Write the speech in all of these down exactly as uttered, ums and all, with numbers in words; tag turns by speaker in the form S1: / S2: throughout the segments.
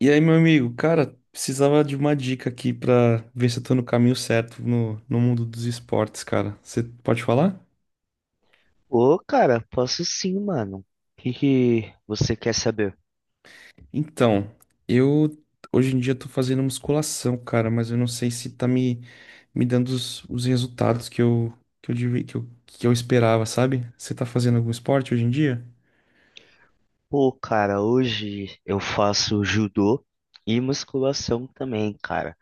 S1: E aí, meu amigo, cara, precisava de uma dica aqui pra ver se eu tô no caminho certo no, no mundo dos esportes, cara. Você pode falar?
S2: Ô, cara, posso sim, mano. O que que você quer saber?
S1: Então, eu hoje em dia tô fazendo musculação, cara, mas eu não sei se tá me, me dando os, os resultados que eu, que eu, devia- que eu, que eu esperava, sabe? Você tá fazendo algum esporte hoje em dia?
S2: Pô, cara, hoje eu faço judô e musculação também, cara.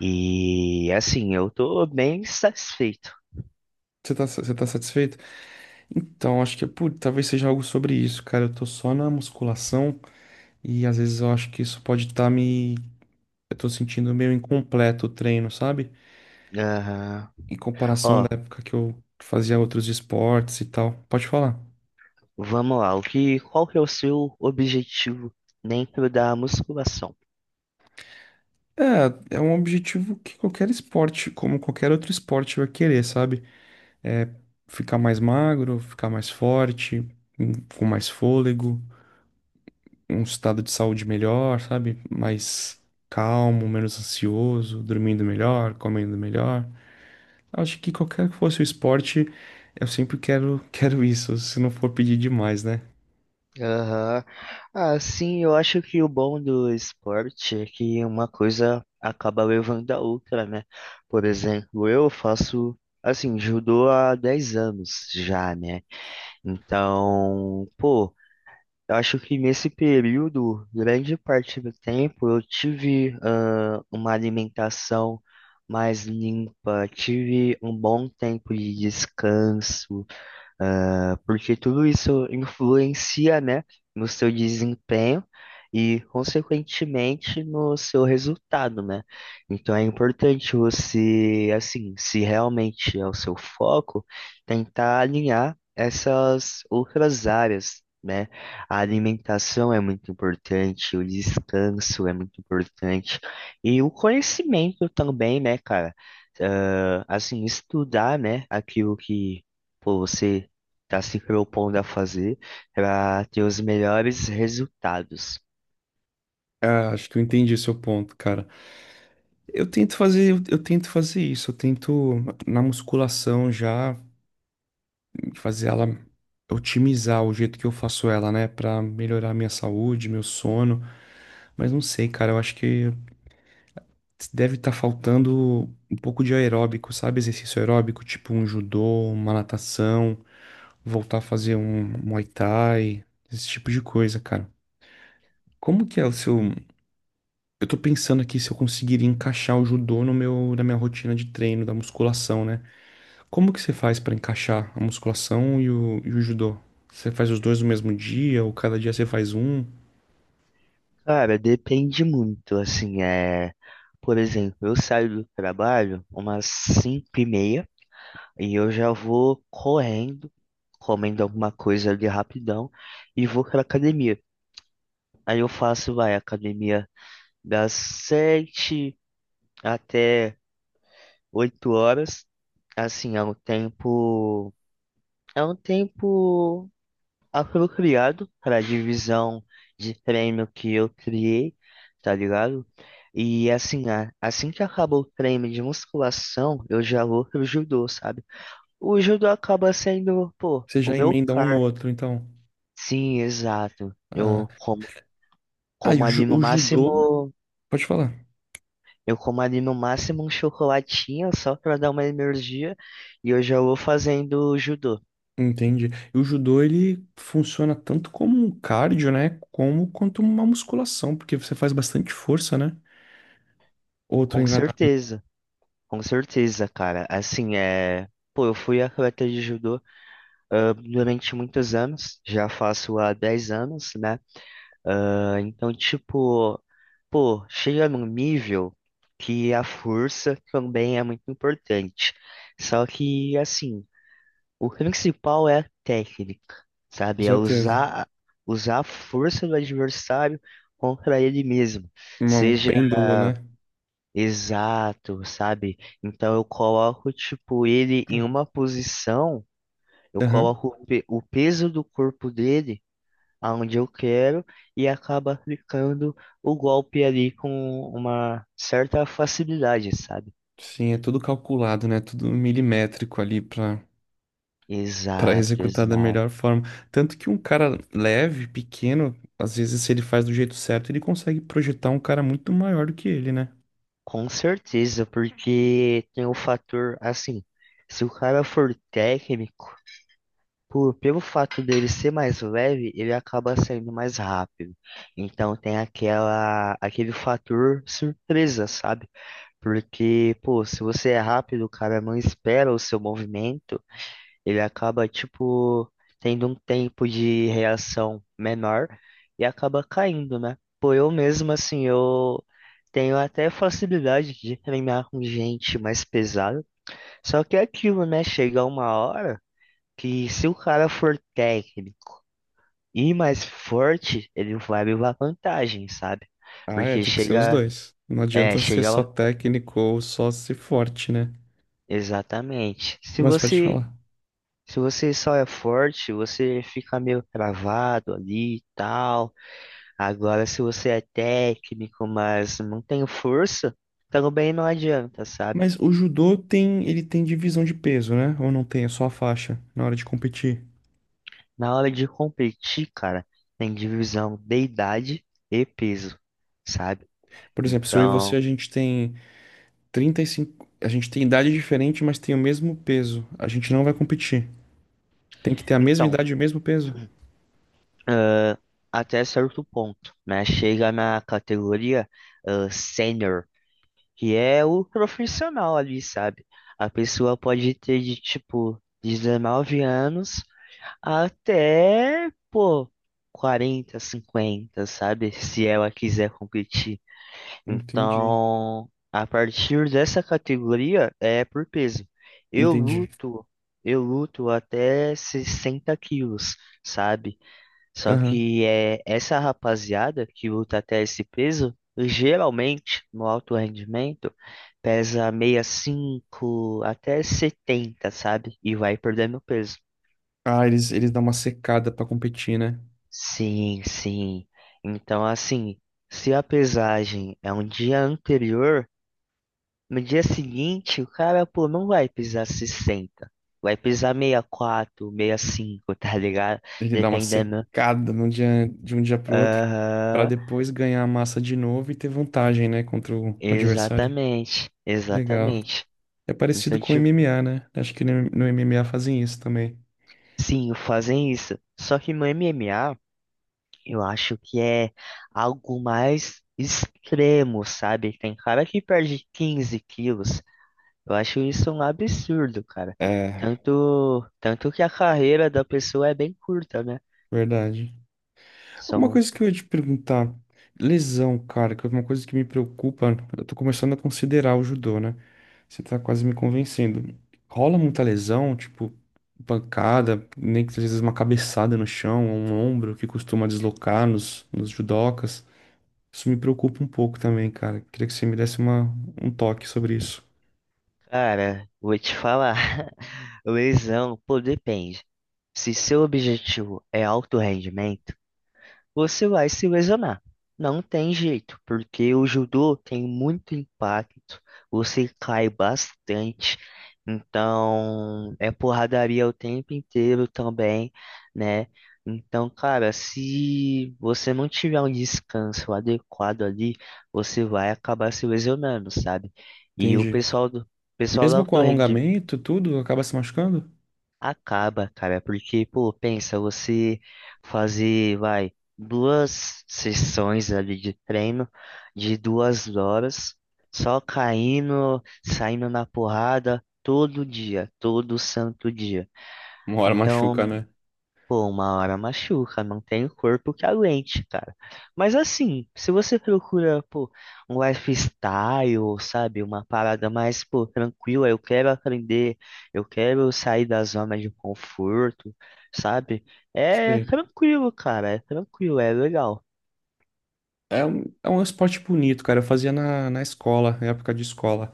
S2: E assim, eu tô bem satisfeito.
S1: Você tá, você tá satisfeito? Então, acho que, putz, talvez seja algo sobre isso, cara. Eu tô só na musculação e às vezes eu acho que isso pode estar me. Eu tô sentindo meio incompleto o treino, sabe?
S2: Aham.
S1: Em comparação da
S2: Ó,
S1: época que eu fazia outros esportes e tal. Pode falar.
S2: vamos lá. O que, qual que é o seu objetivo dentro da musculação?
S1: É, é um objetivo que qualquer esporte, como qualquer outro esporte, vai querer, sabe? É ficar mais magro, ficar mais forte, hum, com mais fôlego, um estado de saúde melhor, sabe? Mais calmo, menos ansioso, dormindo melhor, comendo melhor. Acho que qualquer que fosse o esporte, eu sempre quero, quero isso, se não for pedir demais, né?
S2: Aham. Assim, eu acho que o bom do esporte é que uma coisa acaba levando a outra, né? Por exemplo, eu faço, assim, judô há dez anos já, né? Então, pô, eu acho que nesse período, grande parte do tempo, eu tive, ah, uma alimentação mais limpa, tive um bom tempo de descanso, ah, porque tudo isso influencia, né, no seu desempenho e, consequentemente, no seu resultado, né? Então é importante você, assim, se realmente é o seu foco, tentar alinhar essas outras áreas. Né? A alimentação é muito importante, o descanso é muito importante e o conhecimento também, né, cara? Ah, assim, estudar, né, aquilo que pô, você tá se propondo a fazer para ter os melhores resultados.
S1: Ah, acho que eu entendi seu ponto, cara. Eu tento fazer, eu, eu tento fazer isso, eu tento na musculação já fazer ela otimizar o jeito que eu faço ela, né, pra melhorar a minha saúde, meu sono. Mas não sei, cara, eu acho que deve estar faltando um pouco de aeróbico, sabe? Exercício aeróbico, tipo um judô, uma natação, voltar a fazer um Muay Thai, esse tipo de coisa, cara. Como que é o seu. Eu tô pensando aqui se eu conseguiria encaixar o judô no meu, na minha rotina de treino, da musculação, né? Como que você faz pra encaixar a musculação e o, e o judô? Você faz os dois no mesmo dia, ou cada dia você faz um?
S2: Cara, depende muito, assim, é... Por exemplo, eu saio do trabalho umas cinco e meia e eu já vou correndo, comendo alguma coisa ali rapidão e vou pra academia. Aí eu faço, vai, academia das sete até oito horas. Assim, é um tempo... É um tempo apropriado para a divisão de treino que eu criei, tá ligado? E assim, a- assim que acaba o treino de musculação, eu já vou pro judô, sabe? O judô acaba sendo, pô,
S1: Você
S2: o
S1: já
S2: meu
S1: emenda um no
S2: car.
S1: outro, então.
S2: Sim, exato.
S1: Ah,
S2: Eu como,
S1: ah, e
S2: como
S1: o,
S2: ali
S1: ju-
S2: no
S1: o judô.
S2: máximo,
S1: Pode falar.
S2: eu como ali no máximo um chocolatinho só para dar uma energia e eu já vou fazendo judô.
S1: Entendi. E o judô, ele funciona tanto como um cardio, né? Como quanto uma musculação, porque você faz bastante força, né? Ou eu tô
S2: Com
S1: enganado,
S2: certeza, com certeza, cara. Assim, é, pô, eu fui atleta de judô ah, durante muitos anos, já faço há dez anos, né? Ah, então, tipo, pô, chega num nível que a força também é muito importante. Só que, assim, o principal é a técnica,
S1: com
S2: sabe? É
S1: certeza.
S2: usar, usar a força do adversário contra ele mesmo.
S1: Um um
S2: Seja
S1: pêndulo, né?
S2: Exato, sabe? Então, eu coloco, tipo, ele em
S1: Hum.
S2: uma posição. Eu
S1: Aham.
S2: coloco o pe- o peso do corpo dele aonde eu quero e acaba aplicando o golpe ali com uma certa facilidade, sabe?
S1: Sim, é tudo calculado, né? Tudo milimétrico ali pra, para
S2: Exato,
S1: executar da
S2: exato.
S1: melhor forma. Tanto que um cara leve, pequeno, às vezes se ele faz do jeito certo, ele consegue projetar um cara muito maior do que ele, né?
S2: Com certeza, porque tem o fator assim, se o cara for técnico, por, pelo fato dele ser mais leve, ele acaba saindo mais rápido. Então tem aquela, aquele fator surpresa, sabe? Porque, pô, se você é rápido, o cara não espera o seu movimento. Ele acaba, tipo, tendo um tempo de reação menor e acaba caindo, né? Pô, eu mesmo, assim, eu tenho até facilidade de treinar com gente mais pesada, só que é aquilo, né? Chega uma hora que se o cara for técnico e mais forte, ele vai levar vantagem, sabe?
S1: Ah, é,
S2: Porque
S1: tem que ser os
S2: chega,
S1: dois. Não
S2: é,
S1: adianta ser
S2: chega,
S1: só
S2: lá-
S1: técnico ou só ser forte, né?
S2: Exatamente. Se
S1: Mas pode
S2: você,
S1: falar.
S2: se você só é forte, você fica meio travado ali e tal. Agora, se você é técnico, mas não tem força, também não adianta, sabe?
S1: Mas o judô tem, ele tem divisão de peso, né? Ou não tem, é só a faixa na hora de competir.
S2: Na hora de competir, cara, tem divisão de idade e peso, sabe?
S1: Por exemplo, se eu e você,
S2: Então,
S1: a gente tem trinta e cinco, a gente tem idade diferente, mas tem o mesmo peso. A gente não vai competir. Tem que ter a mesma
S2: então,
S1: idade e o mesmo peso.
S2: ãh, até certo ponto, né? Chega na categoria, ãh, sênior, que é o profissional ali, sabe? A pessoa pode ter de tipo dezenove anos até, pô, quarenta, cinquenta, sabe? Se ela quiser competir.
S1: Entendi.
S2: Então, a partir dessa categoria é por peso. Eu
S1: Entendi.
S2: luto, eu luto até sessenta quilos, sabe? Só
S1: Aham.
S2: que é essa rapaziada que luta até esse peso, geralmente no alto rendimento, pesa sessenta e cinco até setenta, sabe? E vai perdendo peso.
S1: Ah, eles, eles dão uma secada pra competir, né?
S2: Sim, sim. Então, assim, se a pesagem é um dia anterior, no dia seguinte o cara, pô, não vai pisar sessenta. Vai pisar sessenta e quatro, cinco tá ligado?
S1: Ele dá uma
S2: Dependendo.
S1: secada num dia, de um dia pro outro, pra
S2: Aham,
S1: depois ganhar a massa de novo e ter vantagem, né, contra o adversário.
S2: exatamente,
S1: Legal.
S2: exatamente.
S1: É parecido
S2: Então,
S1: com o
S2: tipo,
S1: M M A, né? Acho que no no M M A fazem isso também.
S2: sim, fazem isso. Só que no M M A, eu acho que é algo mais extremo, sabe? Tem cara que perde quinze quilos. Eu acho isso um absurdo, cara.
S1: É,
S2: Tanto, tanto que a carreira da pessoa é bem curta, né?
S1: verdade. Uma
S2: São,
S1: coisa que eu ia te perguntar, lesão, cara, que é uma coisa que me preocupa, eu tô começando a considerar o judô, né? Você tá quase me convencendo. Rola muita lesão, tipo, pancada, nem que às vezes uma cabeçada no chão, ou um ombro que costuma deslocar nos, nos judocas. Isso me preocupa um pouco também, cara. Queria que você me desse uma, um toque sobre isso.
S2: cara, vou te falar, lesão, pô, depende. Se seu objetivo é alto rendimento, você vai se lesionar. Não tem jeito, porque o judô tem muito impacto, você cai bastante, então é porradaria o tempo inteiro também, né? Então, cara, se você não tiver um descanso adequado ali, você vai acabar se lesionando, sabe? E o
S1: Entendi.
S2: pessoal do pessoal do
S1: Mesmo com
S2: alto.
S1: alongamento, tudo acaba se machucando?
S2: Acaba, cara, porque, pô, pensa, você fazer, vai, duas sessões ali de treino de duas horas, só caindo, saindo na porrada todo dia, todo santo dia.
S1: Uma hora machuca,
S2: Então,
S1: né?
S2: pô, uma hora machuca, não tem corpo que aguente, cara. Mas assim, se você procura, pô, um lifestyle, sabe, uma parada mais, pô, tranquila, eu quero aprender, eu quero sair da zona de conforto, sabe? É
S1: Sei.
S2: tranquilo, cara, é tranquilo, é legal.
S1: É um, é um esporte bonito, cara. Eu fazia na, na escola, na época de escola.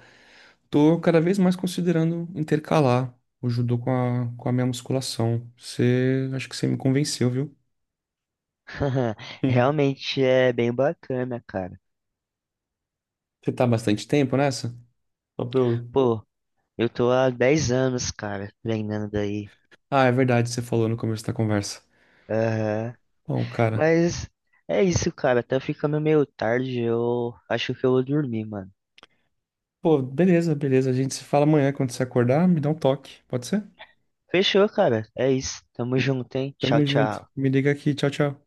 S1: Tô cada vez mais considerando intercalar o judô com a, com a minha musculação. Você, acho que você me convenceu, viu? Hum.
S2: Realmente é bem bacana, cara.
S1: Você tá há bastante tempo nessa? Só pra eu...
S2: Pô, eu tô há dez anos, cara, treinando aí.
S1: Ah, é verdade, você falou no começo da conversa. Bom, cara.
S2: Mas é isso, cara. Tá ficando meio tarde. Eu acho que eu vou dormir, mano.
S1: Pô, beleza, beleza. A gente se fala amanhã quando você acordar, me dá um toque. Pode ser?
S2: Fechou, cara. É isso. Tamo junto, hein?
S1: Tamo
S2: Tchau,
S1: junto.
S2: tchau.
S1: Me liga aqui. Tchau, tchau.